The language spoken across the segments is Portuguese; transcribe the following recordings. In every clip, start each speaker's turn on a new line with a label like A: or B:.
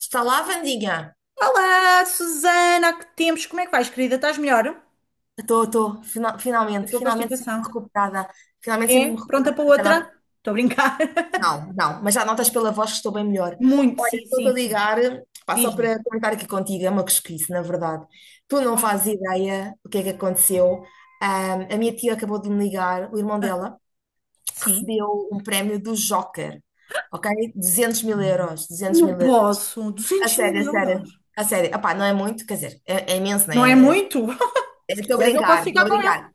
A: Está lá, Vandinha?
B: Olá, Susana, há que tempos? Como é que vais, querida? Estás melhor? Eu
A: Estou, estou. Final- finalmente,
B: estou com
A: finalmente sinto-me
B: constipação.
A: recuperada. Finalmente
B: É?
A: sinto-me
B: Pronta
A: recuperada.
B: para outra?
A: Já.
B: Estou a brincar.
A: Não, não, não, mas já notas pela voz que estou bem melhor.
B: Muito,
A: Olha,
B: sim,
A: estou-te
B: sim,
A: a
B: sim.
A: ligar, pá, só
B: Diz-me.
A: para comentar aqui contigo, é uma cosquice, na verdade. Tu não
B: Ah,
A: fazes ideia o que é que aconteceu. A minha tia acabou de me ligar, o irmão
B: ah,
A: dela
B: sim?
A: recebeu um prémio do Joker, ok? 200 mil euros, 200
B: Não
A: mil euros.
B: posso.
A: A
B: 200 mil
A: sério, a sério,
B: euros.
A: a sério. Opá, não é muito, quer dizer, é imenso, não
B: Não é
A: é?
B: muito? Se
A: Estou a
B: quiseres, eu posso
A: brincar, estou
B: ficar
A: a
B: com ele.
A: brincar.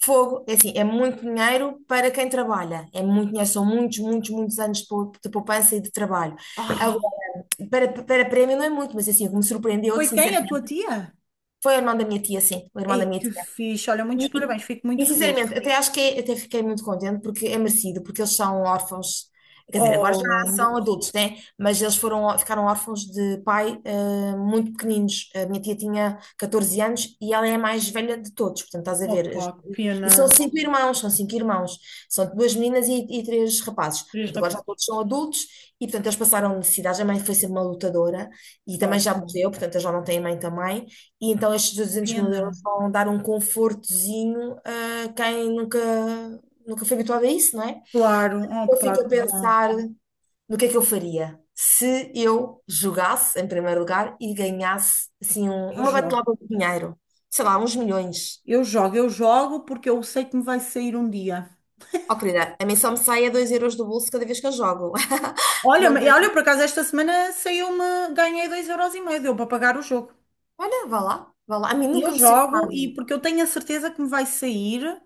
A: Fogo, é assim, é muito dinheiro para quem trabalha. É muito dinheiro, são muitos, muitos, muitos anos de poupança e de trabalho.
B: Ah,
A: Agora, para prémio não é muito, mas assim, o que me surpreendeu é que,
B: foi quem? A tua
A: sinceramente,
B: tia?
A: foi o irmão da minha tia, sim. O irmão
B: Ei,
A: da minha
B: que
A: tia.
B: fixe. Olha, muitos
A: E,
B: parabéns. Fico
A: e,
B: muito
A: sinceramente,
B: feliz.
A: até acho que é, até fiquei muito contente porque é merecido, porque eles são órfãos, quer dizer, agora
B: Oh,
A: já
B: ainda.
A: são adultos, né? Mas eles foram, ficaram órfãos de pai muito pequeninos. A minha tia tinha 14 anos e ela é a mais velha de todos, portanto, estás a ver.
B: Opa, que pena.
A: E são cinco irmãos, são cinco irmãos, são duas meninas e três rapazes.
B: Três
A: Portanto, agora já
B: rapazes.
A: todos são adultos e, portanto, eles passaram necessidades. A mãe foi sempre uma lutadora e também
B: Oh,
A: já
B: pá,
A: morreu, portanto, eles já não têm mãe também. E então estes
B: que
A: 200 mil
B: pena.
A: euros vão dar um confortozinho a quem nunca, nunca foi habituado a isso, não é?
B: Claro. Oh,
A: Eu
B: pá,
A: fico a
B: que bom.
A: pensar no que é que eu faria se eu jogasse, em primeiro lugar, e ganhasse assim,
B: Eu
A: uma
B: jogo.
A: batelada de dinheiro, sei lá, uns milhões.
B: Eu jogo, eu jogo porque eu sei que me vai sair um dia.
A: Oh, querida, a mim só me sai a 2 euros do bolso cada vez que eu jogo.
B: Olha,
A: Não,
B: olha, por acaso esta semana saiu-me, ganhei 2,50 euros, deu para pagar o jogo.
A: olha, vá lá, vá lá. A mim
B: E eu
A: nunca me saiu
B: jogo,
A: nada.
B: e porque eu tenho a certeza que me vai sair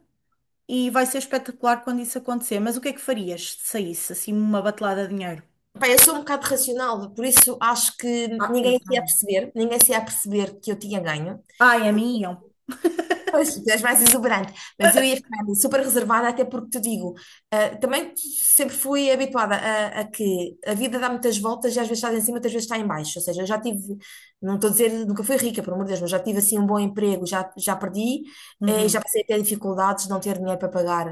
B: e vai ser espetacular quando isso acontecer. Mas o que é que farias se saísse assim uma batelada de dinheiro?
A: Pá, eu sou um bocado racional, por isso acho que
B: Ah, eu
A: ninguém se ia
B: também.
A: perceber, ninguém se ia perceber que eu tinha ganho.
B: Ah, é a mim e eu.
A: Pois, tu és mais exuberante, mas eu ia ficar super reservada, até porque te digo, também sempre fui habituada a que a vida dá muitas voltas e às vezes estás em cima, outras vezes está em baixo. Ou seja, eu já tive, não estou a dizer, nunca fui rica, pelo amor de Deus, mas já tive assim um bom emprego, já perdi, já
B: Uhum,
A: passei a ter dificuldades de não ter dinheiro para pagar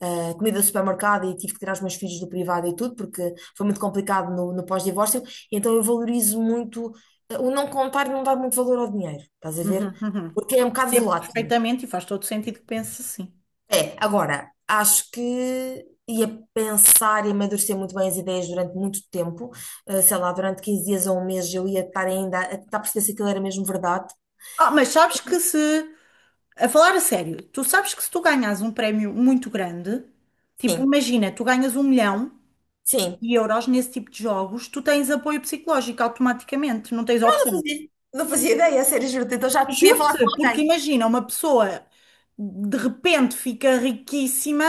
A: comida do supermercado e tive que tirar os meus filhos do privado e tudo, porque foi muito complicado no pós-divórcio. Então eu valorizo muito o não contar e não dar muito valor ao dinheiro, estás a
B: uhum,
A: ver?
B: uhum.
A: Porque é um bocado
B: Percebo
A: volátil.
B: perfeitamente e faz todo sentido que penses assim.
A: É, agora, acho que ia pensar e amadurecer muito bem as ideias durante muito tempo. Sei lá, durante 15 dias ou um mês eu ia estar ainda a tentar perceber se aquilo era mesmo verdade.
B: Ah, mas sabes que se A falar a sério, tu sabes que se tu ganhas um prémio muito grande, tipo,
A: Sim,
B: imagina, tu ganhas um milhão
A: sim.
B: de euros nesse tipo de jogos, tu tens apoio psicológico automaticamente, não tens
A: Eu não
B: opção.
A: fazia, não fazia ideia, a sério, juro. Então já podia falar com
B: Juro-te, porque
A: alguém.
B: imagina, uma pessoa de repente fica riquíssima,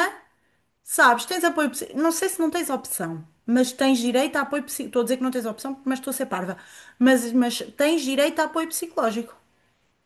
B: sabes, tens apoio, não sei se não tens opção, mas tens direito a apoio psicológico. Estou a dizer que não tens opção, mas estou a ser parva. Mas tens direito a apoio psicológico.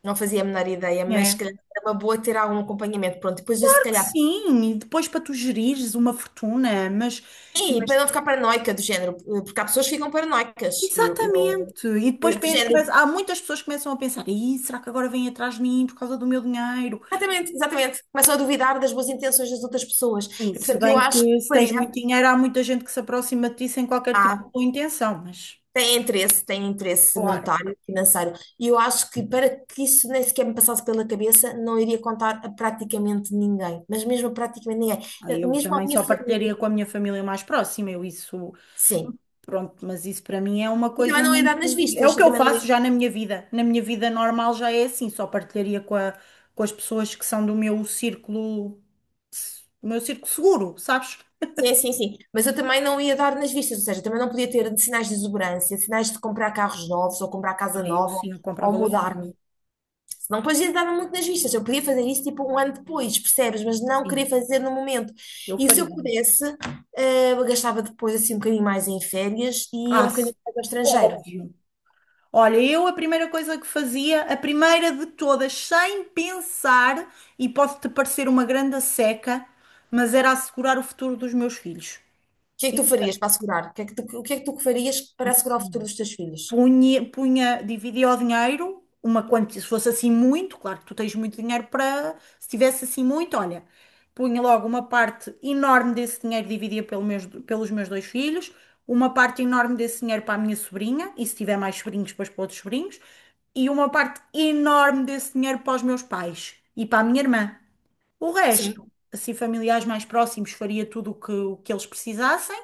A: Não fazia a menor ideia, mas se
B: É.
A: calhar era uma boa ter algum acompanhamento. Pronto, depois eu se
B: Claro que
A: calhar.
B: sim, e depois para tu gerires uma fortuna,
A: E
B: mas
A: para não ficar paranoica do género, porque há pessoas que ficam paranoicas.
B: exatamente. E depois
A: Do
B: mas
A: género,
B: há muitas pessoas que começam a pensar: "Ih, será que agora vêm atrás de mim por causa do meu dinheiro?"
A: exatamente, exatamente. Começam a duvidar das boas intenções das outras pessoas.
B: Sim,
A: E,
B: se
A: portanto, eu
B: bem
A: acho que
B: que se
A: faria,
B: tens muito dinheiro, há muita gente que se aproxima de ti sem qualquer tipo de
A: ah,
B: boa intenção, mas
A: tem interesse
B: claro,
A: monetário, financeiro. E eu acho que para que isso nem sequer me passasse pela cabeça, não iria contar a praticamente ninguém. Mas mesmo a praticamente ninguém.
B: aí eu
A: Mesmo à
B: também
A: minha
B: só
A: família.
B: partilharia com a minha família mais próxima, eu isso,
A: Sim.
B: pronto, mas isso para mim é uma
A: E também
B: coisa
A: não ia dar nas
B: muito, é
A: vistas.
B: o
A: E
B: que eu
A: também não ia...
B: faço já na minha vida normal já é assim, só partilharia com as pessoas que são do meu círculo seguro, sabes?
A: Sim, sim, sim. Mas eu também não ia dar nas vistas. Ou seja, também não podia ter sinais de exuberância, sinais de comprar carros novos, ou comprar casa
B: Aí eu
A: nova,
B: sim, eu
A: ou
B: comprava logo um carro.
A: mudar-me. Senão depois dava muito nas vistas. Eu podia fazer isso tipo um ano depois, percebes? Mas não
B: Sim,
A: queria fazer no momento.
B: eu
A: E se eu
B: faria.
A: pudesse, eu gastava depois assim um bocadinho mais em férias e ia
B: Ah,
A: um
B: sim,
A: bocadinho mais ao estrangeiro. O
B: óbvio. Olha, eu a primeira coisa que fazia, a primeira de todas, sem pensar, e pode-te parecer uma grande seca, mas era assegurar o futuro dos meus filhos.
A: que é que tu farias para assegurar? O que é que tu farias para assegurar o futuro dos teus filhos?
B: Punha dividia o dinheiro, uma quantia, se fosse assim muito, claro que tu tens muito dinheiro para, se tivesse assim muito, olha, punha logo uma parte enorme desse dinheiro, dividia pelo pelos meus dois filhos, uma parte enorme desse dinheiro para a minha sobrinha, e se tiver mais sobrinhos, depois para outros sobrinhos, e uma parte enorme desse dinheiro para os meus pais e para a minha irmã. O resto,
A: Sim,
B: assim, familiares mais próximos, faria tudo o que eles precisassem.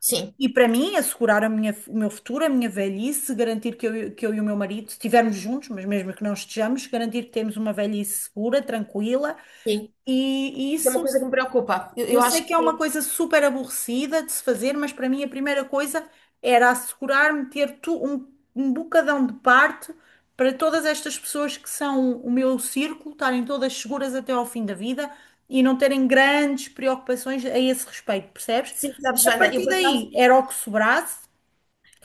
A: sim,
B: E para mim, assegurar a o meu futuro, a minha velhice, garantir que eu e o meu marido, se estivermos juntos, mas mesmo que não estejamos, garantir que temos uma velhice segura, tranquila.
A: sim.
B: E
A: Isso é uma
B: isso,
A: coisa que me preocupa.
B: eu
A: Eu
B: sei
A: acho
B: que é uma
A: que
B: coisa super aborrecida de se fazer, mas para mim a primeira coisa era assegurar-me ter tu, um bocadão de parte para todas estas pessoas que são o meu círculo, estarem todas seguras até ao fim da vida e não terem grandes preocupações a esse respeito, percebes?
A: sim, sabes,
B: A
A: Wanda, eu
B: partir
A: por
B: daí
A: acaso.
B: era o que sobrasse.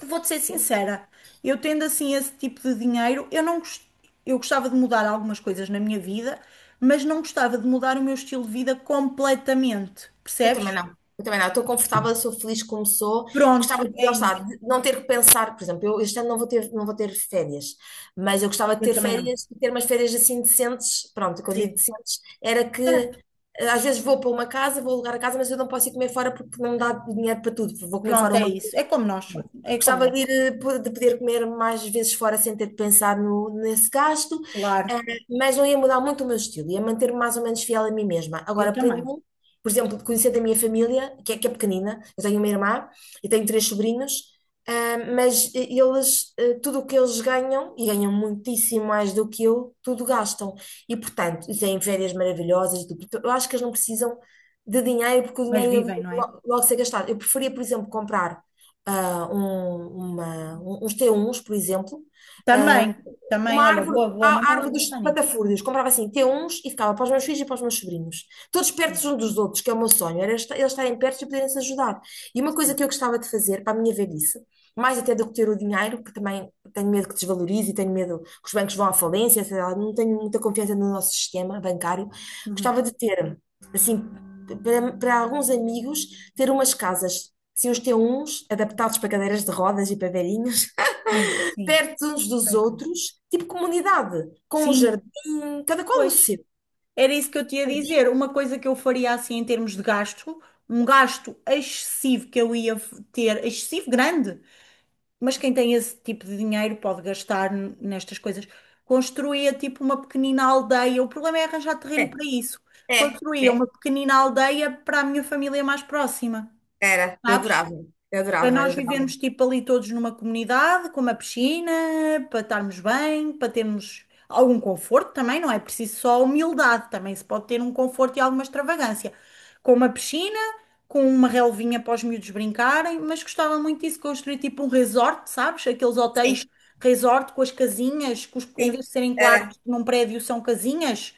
B: Vou-te ser sincera, eu tendo assim esse tipo de dinheiro, eu não gos-, eu gostava de mudar algumas coisas na minha vida, mas não gostava de mudar o meu estilo de vida completamente,
A: Eu também
B: percebes?
A: não. Eu também não. Estou confortável, sou feliz como sou.
B: Pronto,
A: Gostava de,
B: é
A: lá está,
B: isso.
A: de não ter que pensar, por exemplo, eu este ano não vou ter, não vou ter férias, mas eu gostava de
B: Eu
A: ter
B: também não.
A: férias, de ter umas férias assim decentes. Pronto, quando
B: Sim,
A: digo decentes, era que
B: certo.
A: às vezes vou para uma casa, vou alugar a casa, mas eu não posso ir comer fora porque não me dá dinheiro para tudo. Vou comer
B: Pronto,
A: fora
B: é
A: uma.
B: isso. É como nós, é como
A: Gostava
B: nós.
A: de ir, de poder comer mais vezes fora sem ter de pensar no, nesse gasto, eh,
B: Claro,
A: mas não ia mudar muito o meu estilo, ia manter-me mais ou menos fiel a mim mesma.
B: eu
A: Agora, para mim,
B: também.
A: por exemplo, conhecer da minha família, que é pequenina, eu tenho uma irmã e tenho três sobrinhos, mas tudo o que eles ganham, e ganham muitíssimo mais do que eu, tudo gastam. E, portanto, e têm férias maravilhosas, e tudo. Então, eu acho que eles não precisam de dinheiro, porque o
B: Mas
A: dinheiro ele
B: vivem,
A: ia
B: não é?
A: logo ser gastado. Eu preferia, por exemplo, comprar uns t T1 por exemplo, ah,
B: Também,
A: uma
B: também, olha,
A: árvore,
B: boa, boa, não
A: a
B: estava a
A: árvore dos
B: pensar nisso.
A: patafúrdios. Comprava assim T1s e ficava para os meus filhos e para os meus sobrinhos. Todos perto
B: Sim,
A: uns dos outros, que é o meu sonho. Eles estarem perto e poderem se ajudar. E uma coisa que eu gostava de fazer para a minha velhice, mais até do que ter o dinheiro, que também tenho medo que desvalorize e tenho medo que os bancos vão à falência, sei lá, não tenho muita confiança no nosso sistema bancário.
B: uhum.
A: Gostava de ter, assim, para alguns amigos, ter umas casas. Assim, os T1s adaptados para cadeiras de rodas e para velhinhos,
B: Sim, sim,
A: perto uns dos
B: tranquilo.
A: outros, tipo comunidade, com um
B: Sim,
A: jardim, cada qual no
B: pois.
A: seu.
B: Era isso que eu te ia
A: Jardim.
B: dizer. Uma coisa que eu faria assim em termos de gasto, um gasto excessivo que eu ia ter, excessivo grande, mas quem tem esse tipo de dinheiro pode gastar nestas coisas. Construía tipo uma pequenina aldeia. O problema é arranjar
A: É,
B: terreno para isso.
A: é,
B: Construía
A: é,
B: uma pequenina aldeia para a minha família mais próxima,
A: eu
B: sabes?
A: adorava, eu
B: Para
A: adorava, eu
B: nós
A: adorava.
B: vivermos tipo ali todos numa comunidade, com uma piscina, para estarmos bem, para termos algum conforto também, não é preciso só humildade, também se pode ter um conforto e alguma extravagância. Com uma piscina, com uma relvinha para os miúdos brincarem, mas gostava muito disso, construir tipo um resort, sabes? Aqueles
A: Sim,
B: hotéis resort com as casinhas, em vez
A: sim,
B: de serem
A: era.
B: quartos num prédio, são casinhas,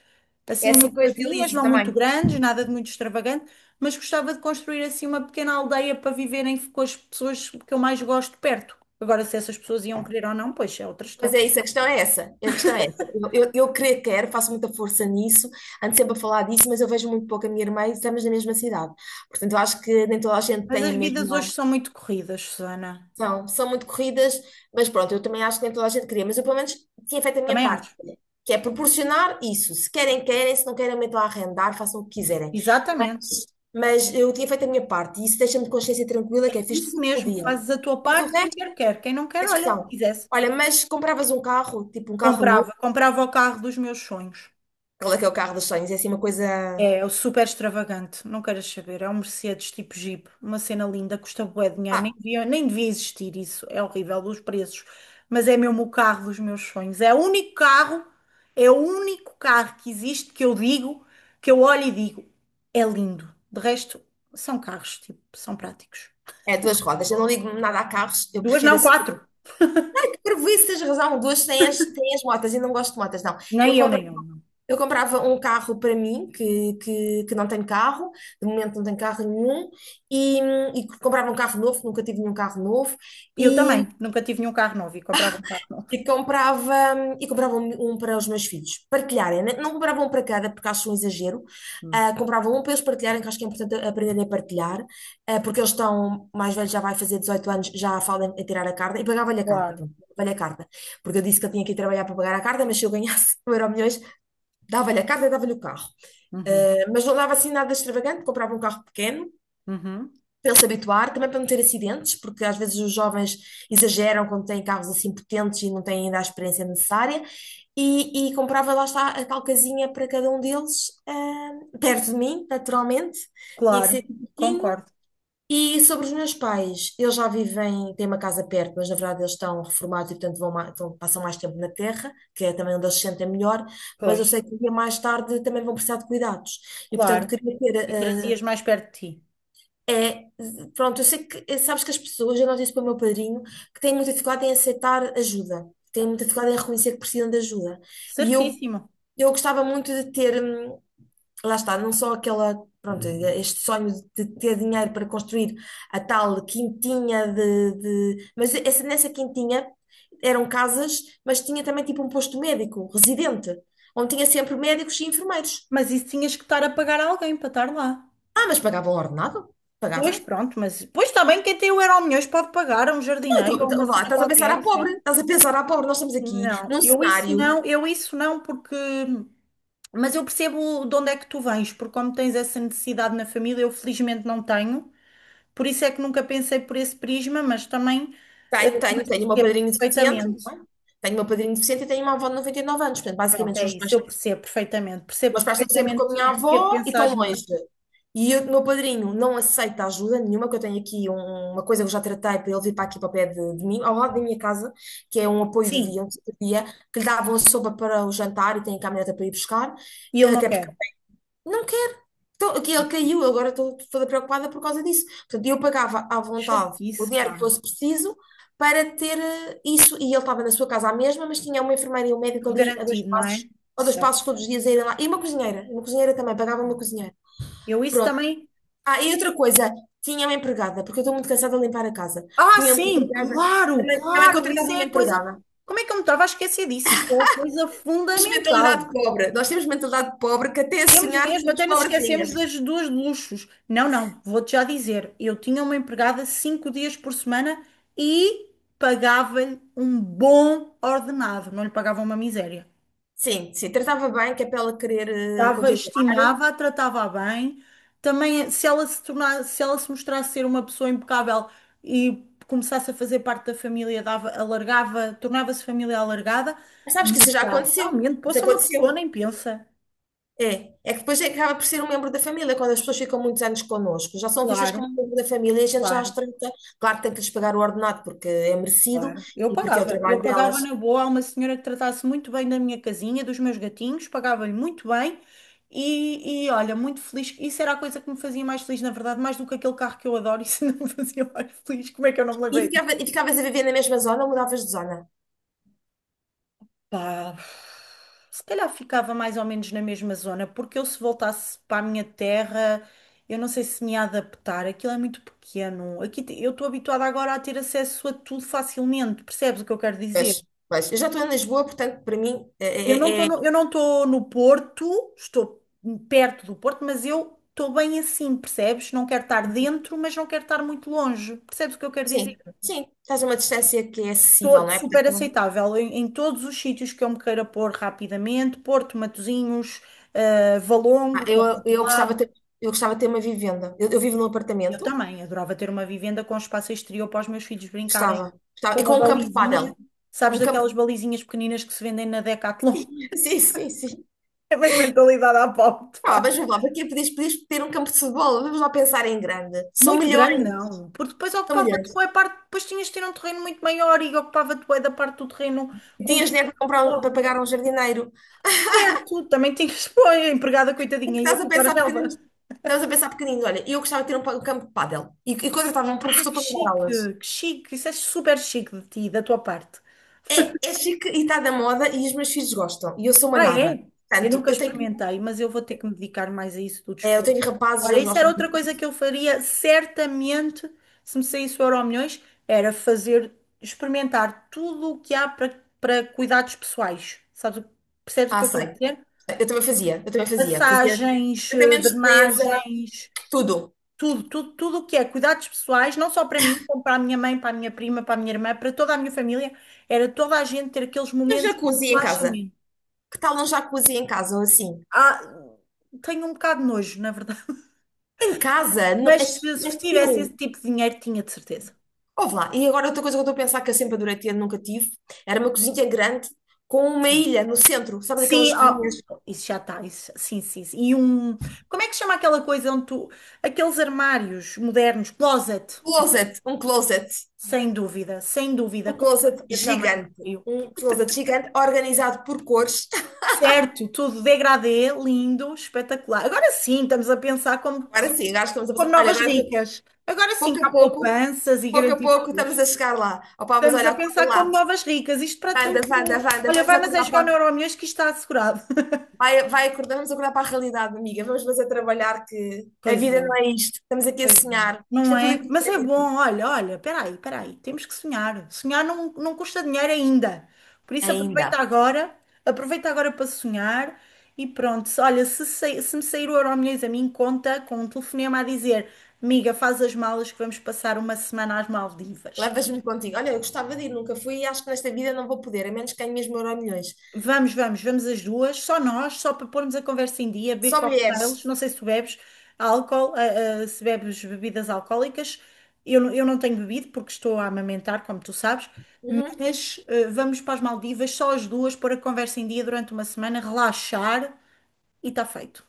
A: É
B: assim umas
A: assim que eu
B: casinhas,
A: idealizo
B: não muito
A: também.
B: grandes, nada de muito extravagante, mas gostava de construir assim uma pequena aldeia para viverem com as pessoas que eu mais gosto perto. Agora, se essas pessoas iam querer ou não, pois é outra
A: Mas
B: história.
A: é isso, a questão é essa, a questão é essa. Eu creio que quero, faço muita força nisso, ando sempre a falar disso, mas eu vejo muito pouco a minha irmã e estamos na mesma cidade. Portanto, eu acho que nem toda a gente
B: Mas
A: tem
B: as
A: a
B: vidas hoje
A: mesma.
B: são muito corridas, Susana.
A: São muito corridas, mas pronto, eu também acho que nem toda a gente queria, mas eu pelo menos tinha feito a minha
B: Também
A: parte,
B: acho.
A: olha, que é proporcionar isso. Se querem, querem, se não querem, metam a arrendar, façam o que quiserem.
B: Exatamente.
A: Mas, mas eu tinha feito a minha parte e isso deixa-me de consciência tranquila, que é fiz
B: Isso
A: tudo o que
B: mesmo,
A: podia.
B: fazes a tua
A: Mas o
B: parte, quem
A: resto
B: quer quer, quem não
A: é
B: quer, olha,
A: discussão.
B: quisesse.
A: Olha, mas compravas um carro, tipo um carro novo,
B: Comprava, comprava o carro dos meus sonhos.
A: aquele que é o carro dos sonhos, é assim uma coisa.
B: É, é o super extravagante, não queres saber. É um Mercedes tipo Jeep, uma cena linda, custa bué de dinheiro, nem
A: Ah,
B: devia, nem devia existir isso. É horrível os preços, mas é mesmo o carro dos meus sonhos. É o único carro, é o único carro que existe que eu digo, que eu olho e digo, é lindo. De resto, são carros, tipo, são práticos.
A: é duas rodas. Eu não ligo nada a carros, eu
B: Duas,
A: prefiro
B: não,
A: assim.
B: quatro.
A: Prejuízo, tens razão, duas têm têm as motas e não gosto de motas, não.
B: Nem
A: Eu
B: eu,
A: compro.
B: nem eu. Não.
A: Eu comprava um carro para mim, que não tenho carro, de momento não tenho carro nenhum, e, e comprava um carro novo, nunca tive nenhum carro novo,
B: Eu
A: e,
B: também, nunca tive nenhum carro novo e comprava um carro novo.
A: e comprava, e comprava um para os meus filhos partilharem, né? Não comprava um para cada, porque acho um exagero,
B: Hum.
A: comprava um para eles partilharem, que acho que é importante aprenderem a partilhar, porque eles estão, mais velhos já vai fazer 18 anos, já falam em tirar a carta, e pagava-lhe a carta,
B: Claro.
A: pronto, pagava-lhe a carta, porque eu disse que eu tinha que ir trabalhar para pagar a carta, mas se eu ganhasse 1 euro milhões, dava-lhe a carta e dava-lhe o carro.
B: Uhum,
A: Mas não dava assim nada extravagante, comprava um carro pequeno
B: uhum.
A: para ele se habituar, também para não ter acidentes, porque às vezes os jovens exageram quando têm carros assim potentes e não têm ainda a experiência necessária. E comprava lá está a tal casinha para cada um deles, perto de mim, naturalmente. Tinha que
B: Claro,
A: ser pequenininho,
B: concordo.
A: e sobre os meus pais, eles já vivem, têm uma casa perto, mas na verdade eles estão reformados e, portanto, vão, passam mais tempo na terra, que é também onde eles se sentem melhor, mas
B: Pois.
A: eu sei que um dia mais tarde também vão precisar de cuidados. E, portanto,
B: Claro.
A: queria ter.
B: E trazias mais perto de ti.
A: É, pronto, eu sei que, sabes que as pessoas, eu noto isso para o meu padrinho, que têm muita dificuldade em aceitar ajuda, têm muita dificuldade em reconhecer que precisam de ajuda. E eu
B: Certíssimo.
A: eu gostava muito de ter, lá está, não só aquela, pronto, este sonho de ter dinheiro para construir a tal quintinha mas essa, nessa quintinha eram casas, mas tinha também tipo um posto médico, residente, onde tinha sempre médicos e enfermeiros.
B: Mas isso tinhas que estar a pagar a alguém para estar lá.
A: Ah, mas pagavam ordenado?
B: Pois
A: Pagavam?
B: pronto, mas pois está bem, quem tem o Euromilhões pode pagar a um
A: Não,
B: jardineiro
A: então,
B: ou a uma
A: então, vá,
B: cena
A: estás a pensar à
B: qualquer,
A: pobre,
B: certo?
A: estás a pensar à pobre, nós estamos aqui
B: Não,
A: num
B: eu isso
A: cenário,
B: não, eu isso não, porque. Mas eu percebo de onde é que tu vens, porque como tens essa necessidade na família, eu felizmente não tenho, por isso é que nunca pensei por esse prisma, mas também. Mas
A: tenho uma
B: percebo
A: padrinha deficiente,
B: perfeitamente.
A: não é? Tenho uma padrinha deficiente e tenho uma avó de 99 anos, portanto, basicamente,
B: Pronto,
A: se
B: é
A: fosse
B: isso,
A: mais.
B: eu percebo perfeitamente. Percebo
A: Meus pais estão sempre com a
B: perfeitamente
A: minha
B: o porquê de
A: avó e
B: pensares
A: estão
B: nisso.
A: longe. E o meu padrinho não aceita ajuda nenhuma, que eu tenho aqui uma coisa que eu já tratei para ele vir para aqui para o pé de mim, ao lado da minha casa, que é um apoio de
B: Sim,
A: dia, um tipo de dia, que lhe davam a sopa para o jantar e tem a caminhoneta para ir buscar,
B: e eu não
A: até porque
B: quero.
A: não quero. Tô- que Ele caiu, agora estou toda preocupada por causa disso. Portanto, eu pagava à vontade o
B: Chatice,
A: dinheiro que
B: pá.
A: fosse preciso para ter isso. E ele estava na sua casa à mesma, mas tinha uma enfermeira e um médico
B: Tudo
A: ali
B: garantido, não é?
A: a dois
B: Certo.
A: passos todos os dias a irem lá. E uma cozinheira também, pagava uma cozinheira.
B: Eu isso
A: Pronto.
B: também.
A: Ah, e outra coisa, tinha uma empregada, porque eu estou muito cansada de limpar a casa.
B: Ah,
A: Tinha uma
B: sim,
A: empregada,
B: claro,
A: também
B: claro.
A: contratava
B: Isso
A: uma
B: é a coisa.
A: empregada.
B: Como é que eu me estava a esquecer disso? Isso é a coisa
A: Temos mentalidade
B: fundamental.
A: pobre, nós temos mentalidade pobre que até a
B: Temos
A: sonhar
B: mesmo,
A: somos
B: até nos esquecemos
A: pobrezinhas.
B: das duas luxos. Não, não, vou-te já dizer. Eu tinha uma empregada 5 dias por semana e pagava-lhe um bom ordenado. Não lhe pagava uma miséria.
A: Sim, sim, tratava bem, que é para ela querer
B: Dava,
A: continuar.
B: estimava, a tratava bem. Também, se ela se tornasse, se ela se mostrasse ser uma pessoa impecável e começasse a fazer parte da família, dava, alargava, tornava-se família alargada,
A: Mas sabes
B: mas
A: que isso já
B: já,
A: aconteceu.
B: realmente, pô,
A: Isso
B: só uma pessoa
A: aconteceu.
B: nem pensa.
A: É, é que depois é que acaba por ser um membro da família, quando as pessoas ficam muitos anos connosco, já são vistas
B: Claro,
A: como um membro da família e a gente já as
B: claro,
A: trata. Claro que tem que lhes pagar o ordenado porque é merecido
B: claro. Eu
A: e porque é o
B: pagava. Eu
A: trabalho
B: pagava
A: delas.
B: na boa a uma senhora que tratasse muito bem da minha casinha, dos meus gatinhos, pagava-lhe muito bem. E, olha, muito feliz. Isso era a coisa que me fazia mais feliz, na verdade, mais do que aquele carro que eu adoro. Isso não me fazia mais feliz. Como é que eu não me
A: E
B: lembrei?
A: ficava, e ficavas a viver na mesma zona ou mudavas de zona?
B: Pá, se calhar ficava mais ou menos na mesma zona, porque eu se voltasse para a minha terra, eu não sei se me ia adaptar, aquilo é muito pequeno. Eu estou habituada agora a ter acesso a tudo facilmente, percebes o que eu quero
A: Pois,
B: dizer?
A: pois. Eu já estou em Lisboa, portanto, para mim,
B: Eu não
A: é-
B: estou
A: é-
B: no, eu não estou no Porto, estou perto do Porto, mas eu estou bem assim, percebes? Não quero estar dentro, mas não quero estar muito longe, percebes o que eu quero dizer?
A: sim, sim, estás a uma distância que é acessível,
B: to-
A: não é?
B: super
A: Portanto,
B: aceitável em, em todos os sítios que eu me queira pôr rapidamente, Porto, Matosinhos, Valongo, que é do outro
A: Eu gostava de
B: lado.
A: ter, eu gostava de ter uma vivenda. Eu vivo num
B: Eu
A: apartamento,
B: também adorava ter uma vivenda com espaço exterior para os meus filhos brincarem,
A: gostava, gostava.
B: com
A: E
B: uma
A: com um campo de
B: balizinha,
A: pádel.
B: sabes,
A: Um campo.
B: daquelas balizinhas pequeninas que se vendem na Decathlon.
A: Sim, sim, sim.
B: É bem mentalidade à pobre,
A: Ah,
B: pá.
A: mas vamos lá, para quê? Podias, podias ter um campo de futebol? Vamos lá pensar em grande. São
B: Muito
A: milhões,
B: grande, não, porque depois
A: são
B: ocupava-te
A: milhões.
B: bué parte, depois tinhas de ter um terreno muito maior e ocupava-te bué da parte do terreno
A: E
B: com que
A: tinhas dinheiro para comprar, para pagar um jardineiro.
B: certo, também tinhas, pô, a empregada
A: É que
B: coitadinha ia
A: estás a
B: cortar a
A: pensar pequenino.
B: relva.
A: Estás a pensar pequenino. Olha, eu gostava de ter um, um campo de pádel. E contratava um
B: Ah,
A: professor
B: que
A: para me dar
B: chique,
A: aulas.
B: que chique. Isso é super chique de ti, da tua parte.
A: É, é chique e está da moda e os meus filhos gostam. E eu sou uma
B: Ah,
A: naba.
B: é? Eu
A: Portanto,
B: nunca
A: eu tenho,
B: experimentei, mas eu vou ter que me dedicar mais a isso do
A: é, eu
B: desporto.
A: tenho rapazes,
B: Olha,
A: eles
B: isso era
A: gostam.
B: outra coisa
A: Muito.
B: que eu faria certamente se me saísse o Euromilhões, era fazer, experimentar tudo o que há para cuidados pessoais. Sabes, percebes o que
A: Ah,
B: eu quero
A: sei.
B: dizer?
A: Eu também fazia, eu também fazia. Fazia
B: Massagens,
A: tratamentos de beleza,
B: drenagens,
A: tudo.
B: tudo, tudo, tudo o que é cuidados pessoais, não só para mim, como para a minha mãe, para a minha prima, para a minha irmã, para toda a minha família, era toda a gente ter aqueles
A: E um
B: momentos de
A: jacuzzi em casa.
B: relaxamento.
A: Que tal um jacuzzi em casa ou assim?
B: Ah, tenho um bocado de nojo, na verdade.
A: Em casa?
B: Mas
A: É,
B: se
A: é
B: tivesse
A: teu.
B: esse tipo de dinheiro, tinha de certeza.
A: Ouve lá. E agora outra coisa que eu estou a pensar que eu sempre adorei ter, nunca tive, era uma cozinha grande com uma
B: Sim.
A: ilha no centro. Sabes aquelas
B: Sim, ó,
A: cozinhas?
B: isso já está. Sim, sim, sim. E um. Como é que se chama aquela coisa onde tu? Aqueles armários modernos, closet,
A: Um closet, um closet.
B: sem dúvida, sem dúvida.
A: Um
B: Com
A: closet
B: eu também.
A: gigante. Um closet gigante organizado por cores.
B: Certo, tudo degradê, lindo, espetacular. Agora sim, estamos a pensar como
A: Agora
B: pessoas,
A: sim, acho que estamos a
B: como
A: passar. Olha,
B: novas
A: agora
B: ricas. Agora sim, que
A: pouco a
B: há
A: pouco,
B: poupanças e
A: pouco a
B: garantir
A: pouco estamos
B: futuros.
A: a chegar lá. Opá, mas
B: Estamos
A: olha,
B: a
A: acorda
B: pensar como
A: lá.
B: novas ricas. Isto para
A: Wanda,
B: todos.
A: Wanda, Wanda,
B: Olha,
A: vamos
B: vai, mas é
A: acordar
B: jogar no
A: para,
B: Euromilhões que isto está assegurado.
A: vai, vai acordar, vamos acordar para a realidade, amiga. Vamos fazer trabalhar que a
B: Pois
A: vida
B: é.
A: não é isto. Estamos aqui a
B: Pois não.
A: sonhar. Isto
B: Não
A: é tudo
B: é? Mas é
A: hipotético.
B: bom, olha, olha, peraí, peraí, temos que sonhar. Sonhar não, não custa dinheiro ainda. Por isso
A: Ainda.
B: aproveita agora para sonhar e pronto. Olha, se me sair o Euromilhões a mim, conta com um telefonema a dizer: amiga, faz as malas que vamos passar uma semana às Maldivas.
A: Levas-me contigo. Olha, eu gostava de ir, nunca fui e acho que nesta vida não vou poder, a menos que ganhe mesmo milhões.
B: Vamos, vamos, vamos as duas, só nós, só para pormos a conversa em dia, beber
A: Só
B: cocktails.
A: mulheres.
B: Não sei se tu bebes álcool, se bebes bebidas alcoólicas. Eu não tenho bebido porque estou a amamentar, como tu sabes.
A: Uhum.
B: Mas vamos para as Maldivas, só as duas, pôr a conversa em dia durante uma semana, relaxar e está feito.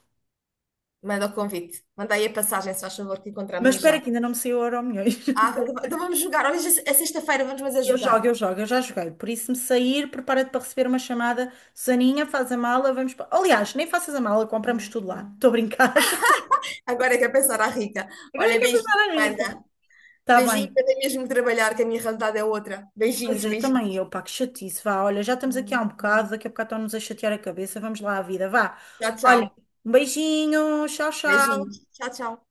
A: Manda o convite. Manda aí a passagem, se faz favor, que
B: Mas
A: encontramos-nos já.
B: espera que ainda não me saiu o Euromilhões.
A: Ah, então vamos jogar. Olha, já é sexta-feira, vamos fazer
B: Eu
A: jogar.
B: jogo, eu jogo, eu já joguei. Por isso, se me sair, prepara-te para receber uma chamada. Susaninha, faz a mala, vamos para. Aliás, nem faças a mala, compramos tudo lá. Estou a brincar.
A: Agora é que é pensar à rica.
B: Agora é
A: Olha,
B: que a
A: beijinho,
B: pessoa era rica.
A: Wanda.
B: Está
A: Beijinho,
B: bem.
A: eu tenho mesmo que trabalhar, que a minha realidade é outra.
B: Pois
A: Beijinhos,
B: é,
A: beijinhos.
B: também eu, pá, que chatice. Vá, olha, já estamos aqui há um bocado, daqui a bocado estão-nos a chatear a cabeça. Vamos lá à vida, vá.
A: Tchau, tchau.
B: Olha, um beijinho, tchau, tchau.
A: Beijinho. Tchau, tchau.